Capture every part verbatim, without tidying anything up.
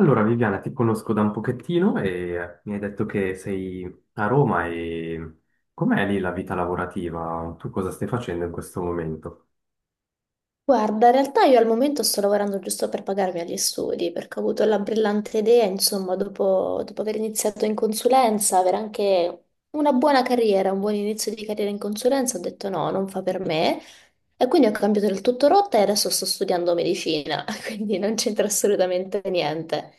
Allora, Viviana, ti conosco da un pochettino e mi hai detto che sei a Roma e com'è lì la vita lavorativa? Tu cosa stai facendo in questo momento? Guarda, in realtà io al momento sto lavorando giusto per pagarmi agli studi, perché ho avuto la brillante idea, insomma, dopo, dopo aver iniziato in consulenza, avere anche una buona carriera, un buon inizio di carriera in consulenza, ho detto no, non fa per me. E quindi ho cambiato del tutto rotta e adesso sto studiando medicina, quindi non c'entra assolutamente niente.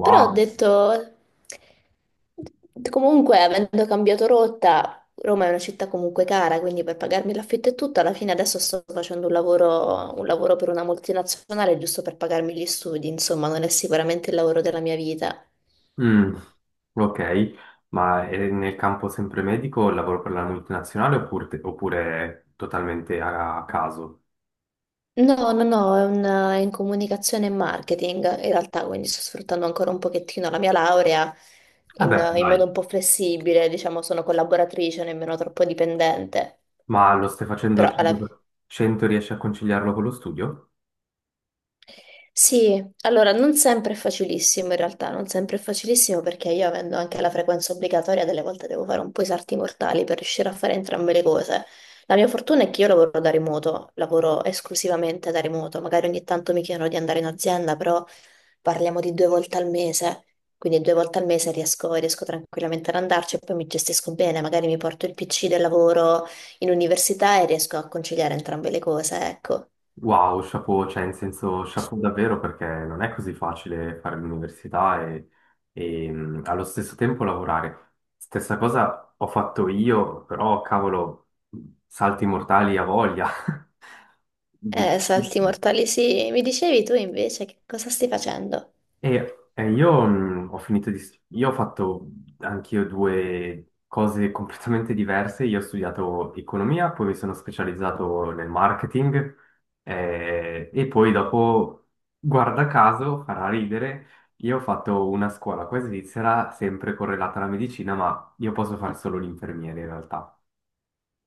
Però ho detto, comunque, avendo cambiato rotta, Roma è una città comunque cara, quindi per pagarmi l'affitto e tutto, alla fine adesso sto facendo un lavoro, un lavoro per una multinazionale giusto per pagarmi gli studi, insomma, non è sicuramente il lavoro della mia vita. Mm, ok, ma è nel campo sempre medico, lavoro per la multinazionale oppure, oppure totalmente a, a caso? No, no, no, è, una- è in comunicazione e marketing in realtà, quindi sto sfruttando ancora un pochettino la mia laurea in, Vabbè, in dai, modo un po' flessibile, diciamo, sono collaboratrice, nemmeno troppo dipendente. ma lo stai facendo al Però alla... cento percento? cento riesci a conciliarlo con lo studio? Sì, allora non sempre è facilissimo in realtà, non sempre è facilissimo perché io avendo anche la frequenza obbligatoria, delle volte devo fare un po' i salti mortali per riuscire a fare entrambe le cose. La mia fortuna è che io lavoro da remoto, lavoro esclusivamente da remoto, magari ogni tanto mi chiedono di andare in azienda, però... parliamo di due volte al mese, quindi due volte al mese riesco, riesco tranquillamente ad andarci e poi mi gestisco bene, magari mi porto il P C del lavoro in università e riesco a conciliare entrambe le cose, ecco. Wow, chapeau, cioè in senso chapeau davvero perché non è così facile fare l'università e, e, mh, allo stesso tempo lavorare. Stessa cosa ho fatto io, però cavolo, salti mortali a voglia. Eh, Difficile. salti mortali, sì. Mi dicevi tu invece che cosa stai facendo? E, e io mh, ho finito di... st- Io ho fatto anch'io due cose completamente diverse. Io ho studiato economia, poi mi sono specializzato nel marketing eh, e poi dopo, guarda caso, farà ridere, io ho fatto una scuola qua in Svizzera, sempre correlata alla medicina, ma io posso fare solo l'infermiere in realtà.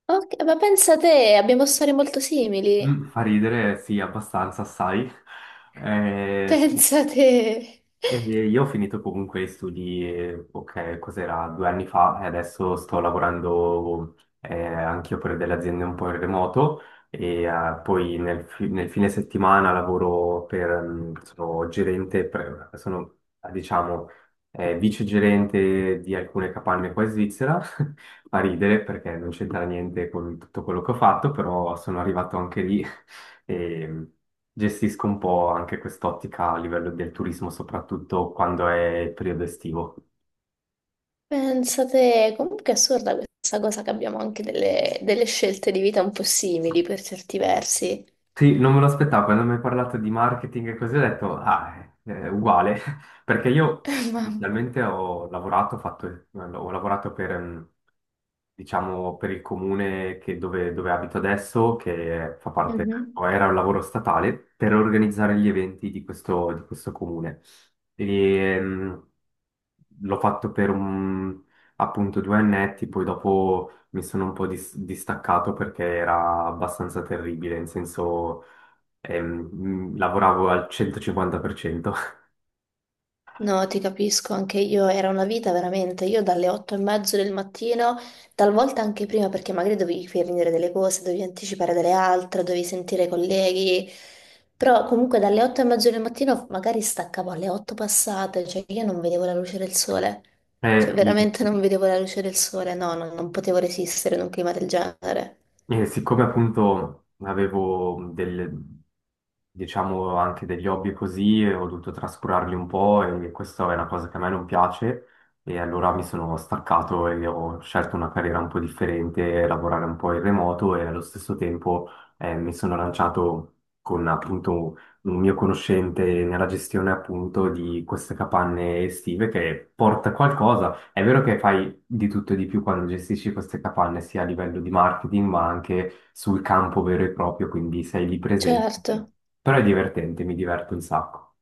Ok, ma pensa te, abbiamo storie molto simili. Mm, fa ridere, sì, abbastanza, sai. Eh, Pensa te, E io ho finito comunque gli studi, eh, ok, cos'era, due anni fa e adesso sto lavorando eh, anch'io per delle aziende un po' in remoto e eh, poi nel, fi- nel fine settimana lavoro per, mm, sono gerente, pre- sono eh, diciamo eh, vice gerente di alcune capanne qua in Svizzera, fa ridere perché non c'entra niente con tutto quello che ho fatto, però sono arrivato anche lì e gestisco un po' anche quest'ottica a livello del turismo, soprattutto quando è il periodo estivo. pensa te. Comunque è assurda questa cosa che abbiamo anche delle, delle scelte di vita un po' simili per certi versi. Sì, non me lo aspettavo, quando mi hai parlato di marketing e così ho detto, ah, è, è uguale, perché io Mamma. inizialmente ho lavorato, ho fatto- eh, ho lavorato per, mm, diciamo, per il comune che- dove, dove abito adesso, che fa parte, Mhm. o era un lavoro statale, per organizzare gli eventi di questo, di questo comune. E, mm, l'ho fatto per un, appunto due annetti, poi dopo mi sono un po' dis- distaccato perché era abbastanza terribile, in senso ehm, mh, lavoravo al centocinquanta per cento. No, ti capisco, anche io era una vita veramente. Io dalle otto e mezzo del mattino, talvolta anche prima, perché magari dovevi finire delle cose, dovevi anticipare delle altre, dovevi sentire i colleghi. Però comunque dalle otto e mezzo del mattino magari staccavo alle otto passate, cioè io non vedevo la luce del sole. Eh, Cioè i- veramente non vedevo la luce del sole, no, non, non potevo resistere in un clima del genere. E siccome appunto avevo del, diciamo anche degli hobby e così, eh, ho dovuto trascurarli un po' e questa è una cosa che a me non piace e allora mi sono staccato e ho scelto una carriera un po' differente, lavorare un po' in remoto e allo stesso tempo eh, mi sono lanciato con appunto un mio conoscente nella gestione appunto di queste capanne estive che porta qualcosa. È vero che fai di tutto e di più quando gestisci queste capanne, sia a livello di marketing, ma anche sul campo vero e proprio, quindi sei lì Certo. presente. Però è divertente, mi diverto un sacco.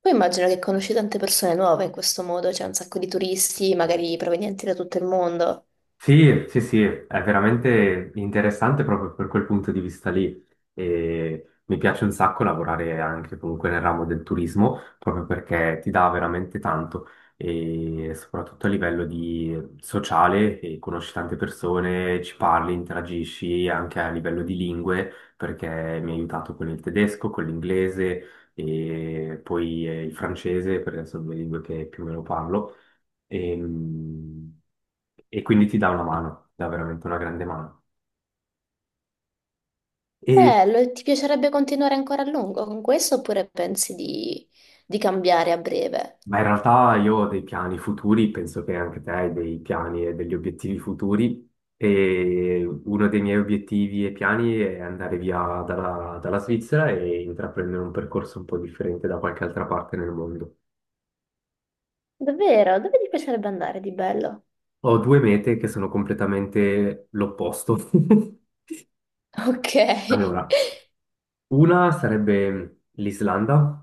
Poi immagino che conosci tante persone nuove in questo modo, c'è un sacco di turisti, magari provenienti da tutto il mondo. Sì, sì, sì, è veramente interessante proprio per quel punto di vista lì. E mi piace un sacco lavorare anche comunque nel ramo del turismo, proprio perché ti dà veramente tanto, e soprattutto a livello di sociale, e conosci tante persone, ci parli, interagisci anche a livello di lingue, perché mi ha aiutato con il tedesco, con l'inglese e poi eh, il francese, perché sono due lingue che più o meno parlo. E, mh, e quindi ti dà una mano, ti dà veramente una grande mano. E, Eh, lo- ti piacerebbe continuare ancora a lungo con questo oppure pensi di, di cambiare a breve? ma in realtà io ho dei piani futuri, penso che anche te hai dei piani e degli obiettivi futuri. E uno dei miei obiettivi e piani è andare via dalla, dalla Svizzera e intraprendere un percorso un po' differente da qualche altra parte nel mondo. Davvero? Dove ti piacerebbe andare di bello? Ho due mete che sono completamente l'opposto. Ok. Allora, una sarebbe l'Islanda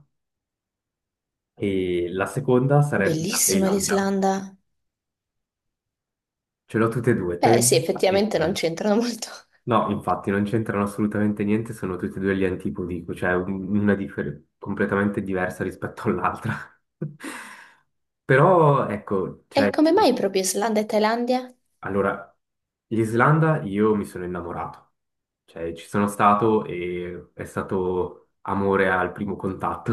e la seconda sarebbe la Bellissima Thailandia. l'Islanda. Ce l'ho tutte e due, Beh, sì, Teotihuacan e effettivamente non Tandi. c'entrano molto. No, infatti non c'entrano assolutamente niente, sono tutte e due gli antipodi, cioè un- una differ- completamente diversa rispetto all'altra. Però ecco, E cioè, come mai proprio Islanda e Thailandia? allora, l'Islanda io mi sono innamorato, cioè ci sono stato e è stato amore al primo contatto.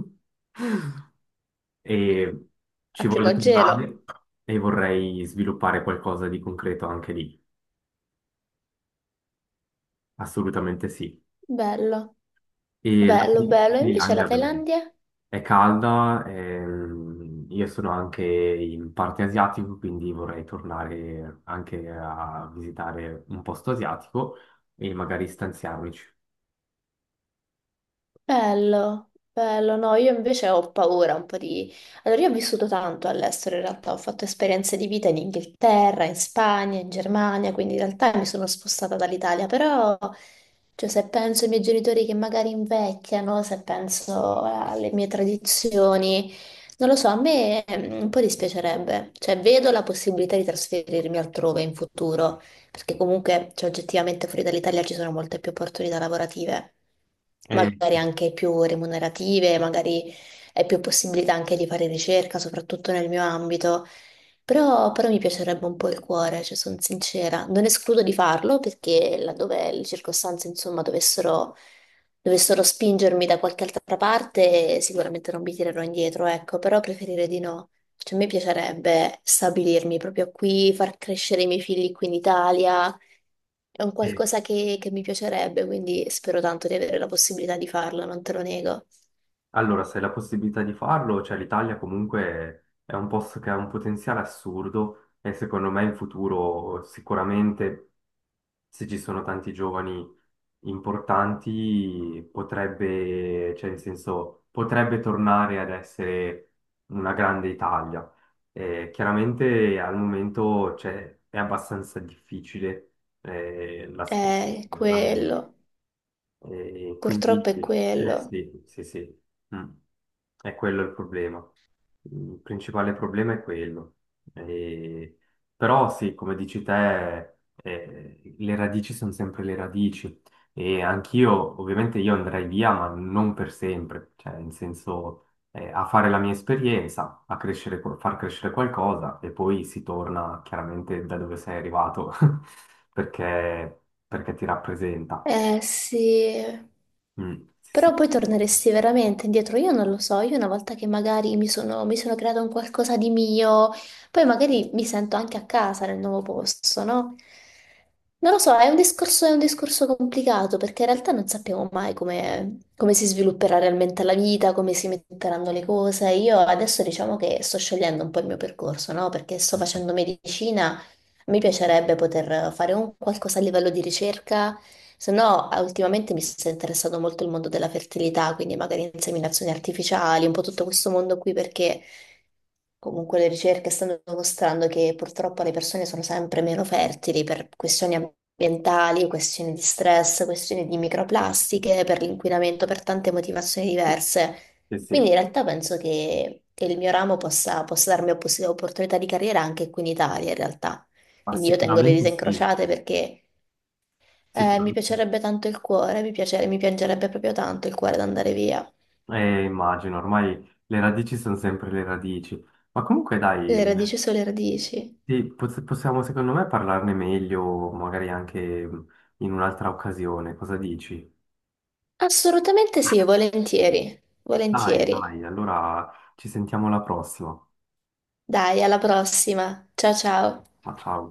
E A ci voglio primo gelo. tornare e vorrei sviluppare qualcosa di concreto anche lì, assolutamente sì. Bello, E la bello, Sri la bello. E Sri invece la Lanka, beh, Thailandia? è calda, ehm, io sono anche in parte asiatico, quindi vorrei tornare anche a visitare un posto asiatico e magari stanziarmici. Bello, bello, no, io invece ho paura un po' di... Allora, io ho vissuto tanto all'estero, in realtà ho fatto esperienze di vita in Inghilterra, in Spagna, in Germania, quindi in realtà mi sono spostata dall'Italia, però, cioè, se penso ai miei genitori che magari invecchiano, se penso alle mie tradizioni, non lo so, a me mm, un po' dispiacerebbe, cioè, vedo la possibilità di trasferirmi altrove in futuro perché comunque, cioè, oggettivamente fuori dall'Italia ci sono molte più opportunità lavorative, Eh, magari anche più remunerative, magari è più possibilità anche di fare ricerca, soprattutto nel mio ambito. Però, però mi piacerebbe un po' il cuore, cioè sono sincera. Non escludo di farlo perché laddove le circostanze, insomma, dovessero, dovessero spingermi da qualche altra parte, sicuramente non mi tirerò indietro, ecco, però preferire di no. Cioè, a me piacerebbe stabilirmi proprio qui, far crescere i miei figli qui in Italia. È un eh, qualcosa che, che mi piacerebbe, quindi spero tanto di avere la possibilità di farlo, non te lo nego. Allora, se hai la possibilità di farlo, cioè l'Italia comunque è un posto che ha un potenziale assurdo e secondo me in futuro sicuramente, se ci sono tanti giovani importanti, potrebbe, cioè in senso, potrebbe tornare ad essere una grande Italia. Eh, chiaramente al momento cioè, è abbastanza difficile eh, la È situazione, almeno. quello, E quindi, purtroppo è eh, quello. sì, sì, sì. Mm. È quello il problema. Il principale problema è quello. E- Però sì, come dici te, eh, le radici sono sempre le radici. E anch'io, ovviamente, io andrei via, ma non per sempre. Cioè, in senso, eh, a fare la mia esperienza, a crescere, qual- far crescere qualcosa, e poi si torna chiaramente da dove sei arrivato, perché perché ti rappresenta. Eh sì, Mm, però sì, poi torneresti veramente indietro, io non lo so, io una volta che magari mi sono, mi sono creato un qualcosa di mio, poi magari mi sento anche a casa nel nuovo posto, no? Non lo so, è un discorso, è un discorso complicato perché in realtà non sappiamo mai come, come si svilupperà realmente la vita, come si metteranno le cose. Io adesso diciamo che sto scegliendo un po' il mio percorso, no? Perché sto sì, facendo medicina, mi piacerebbe poter fare un qualcosa a livello di ricerca se no, eh, ultimamente mi sta interessando molto il mondo della fertilità, quindi magari inseminazioni artificiali, un po' tutto questo mondo qui, perché comunque le ricerche stanno dimostrando che purtroppo le persone sono sempre meno fertili per questioni ambientali, questioni di stress, questioni di microplastiche, per l'inquinamento, per tante motivazioni diverse. sì, Quindi in sì. realtà penso che, che il mio ramo possa, possa darmi oppos- opportunità di carriera anche qui in Italia, in realtà. Ma Quindi io tengo le sicuramente dita sì, incrociate perché eh, mi sicuramente. piacerebbe tanto il cuore, mi piace- mi piangerebbe proprio tanto il cuore ad andare via. Eh, immagino, ormai le radici sono sempre le radici. Ma comunque dai, Le radici sulle radici. sì, poss- possiamo secondo me parlarne meglio, magari anche mm, in un'altra occasione, cosa dici? Assolutamente sì, volentieri, Dai, volentieri. dai, allora ci sentiamo alla prossima. Dai, alla prossima. Ciao ciao. Ciao, ciao.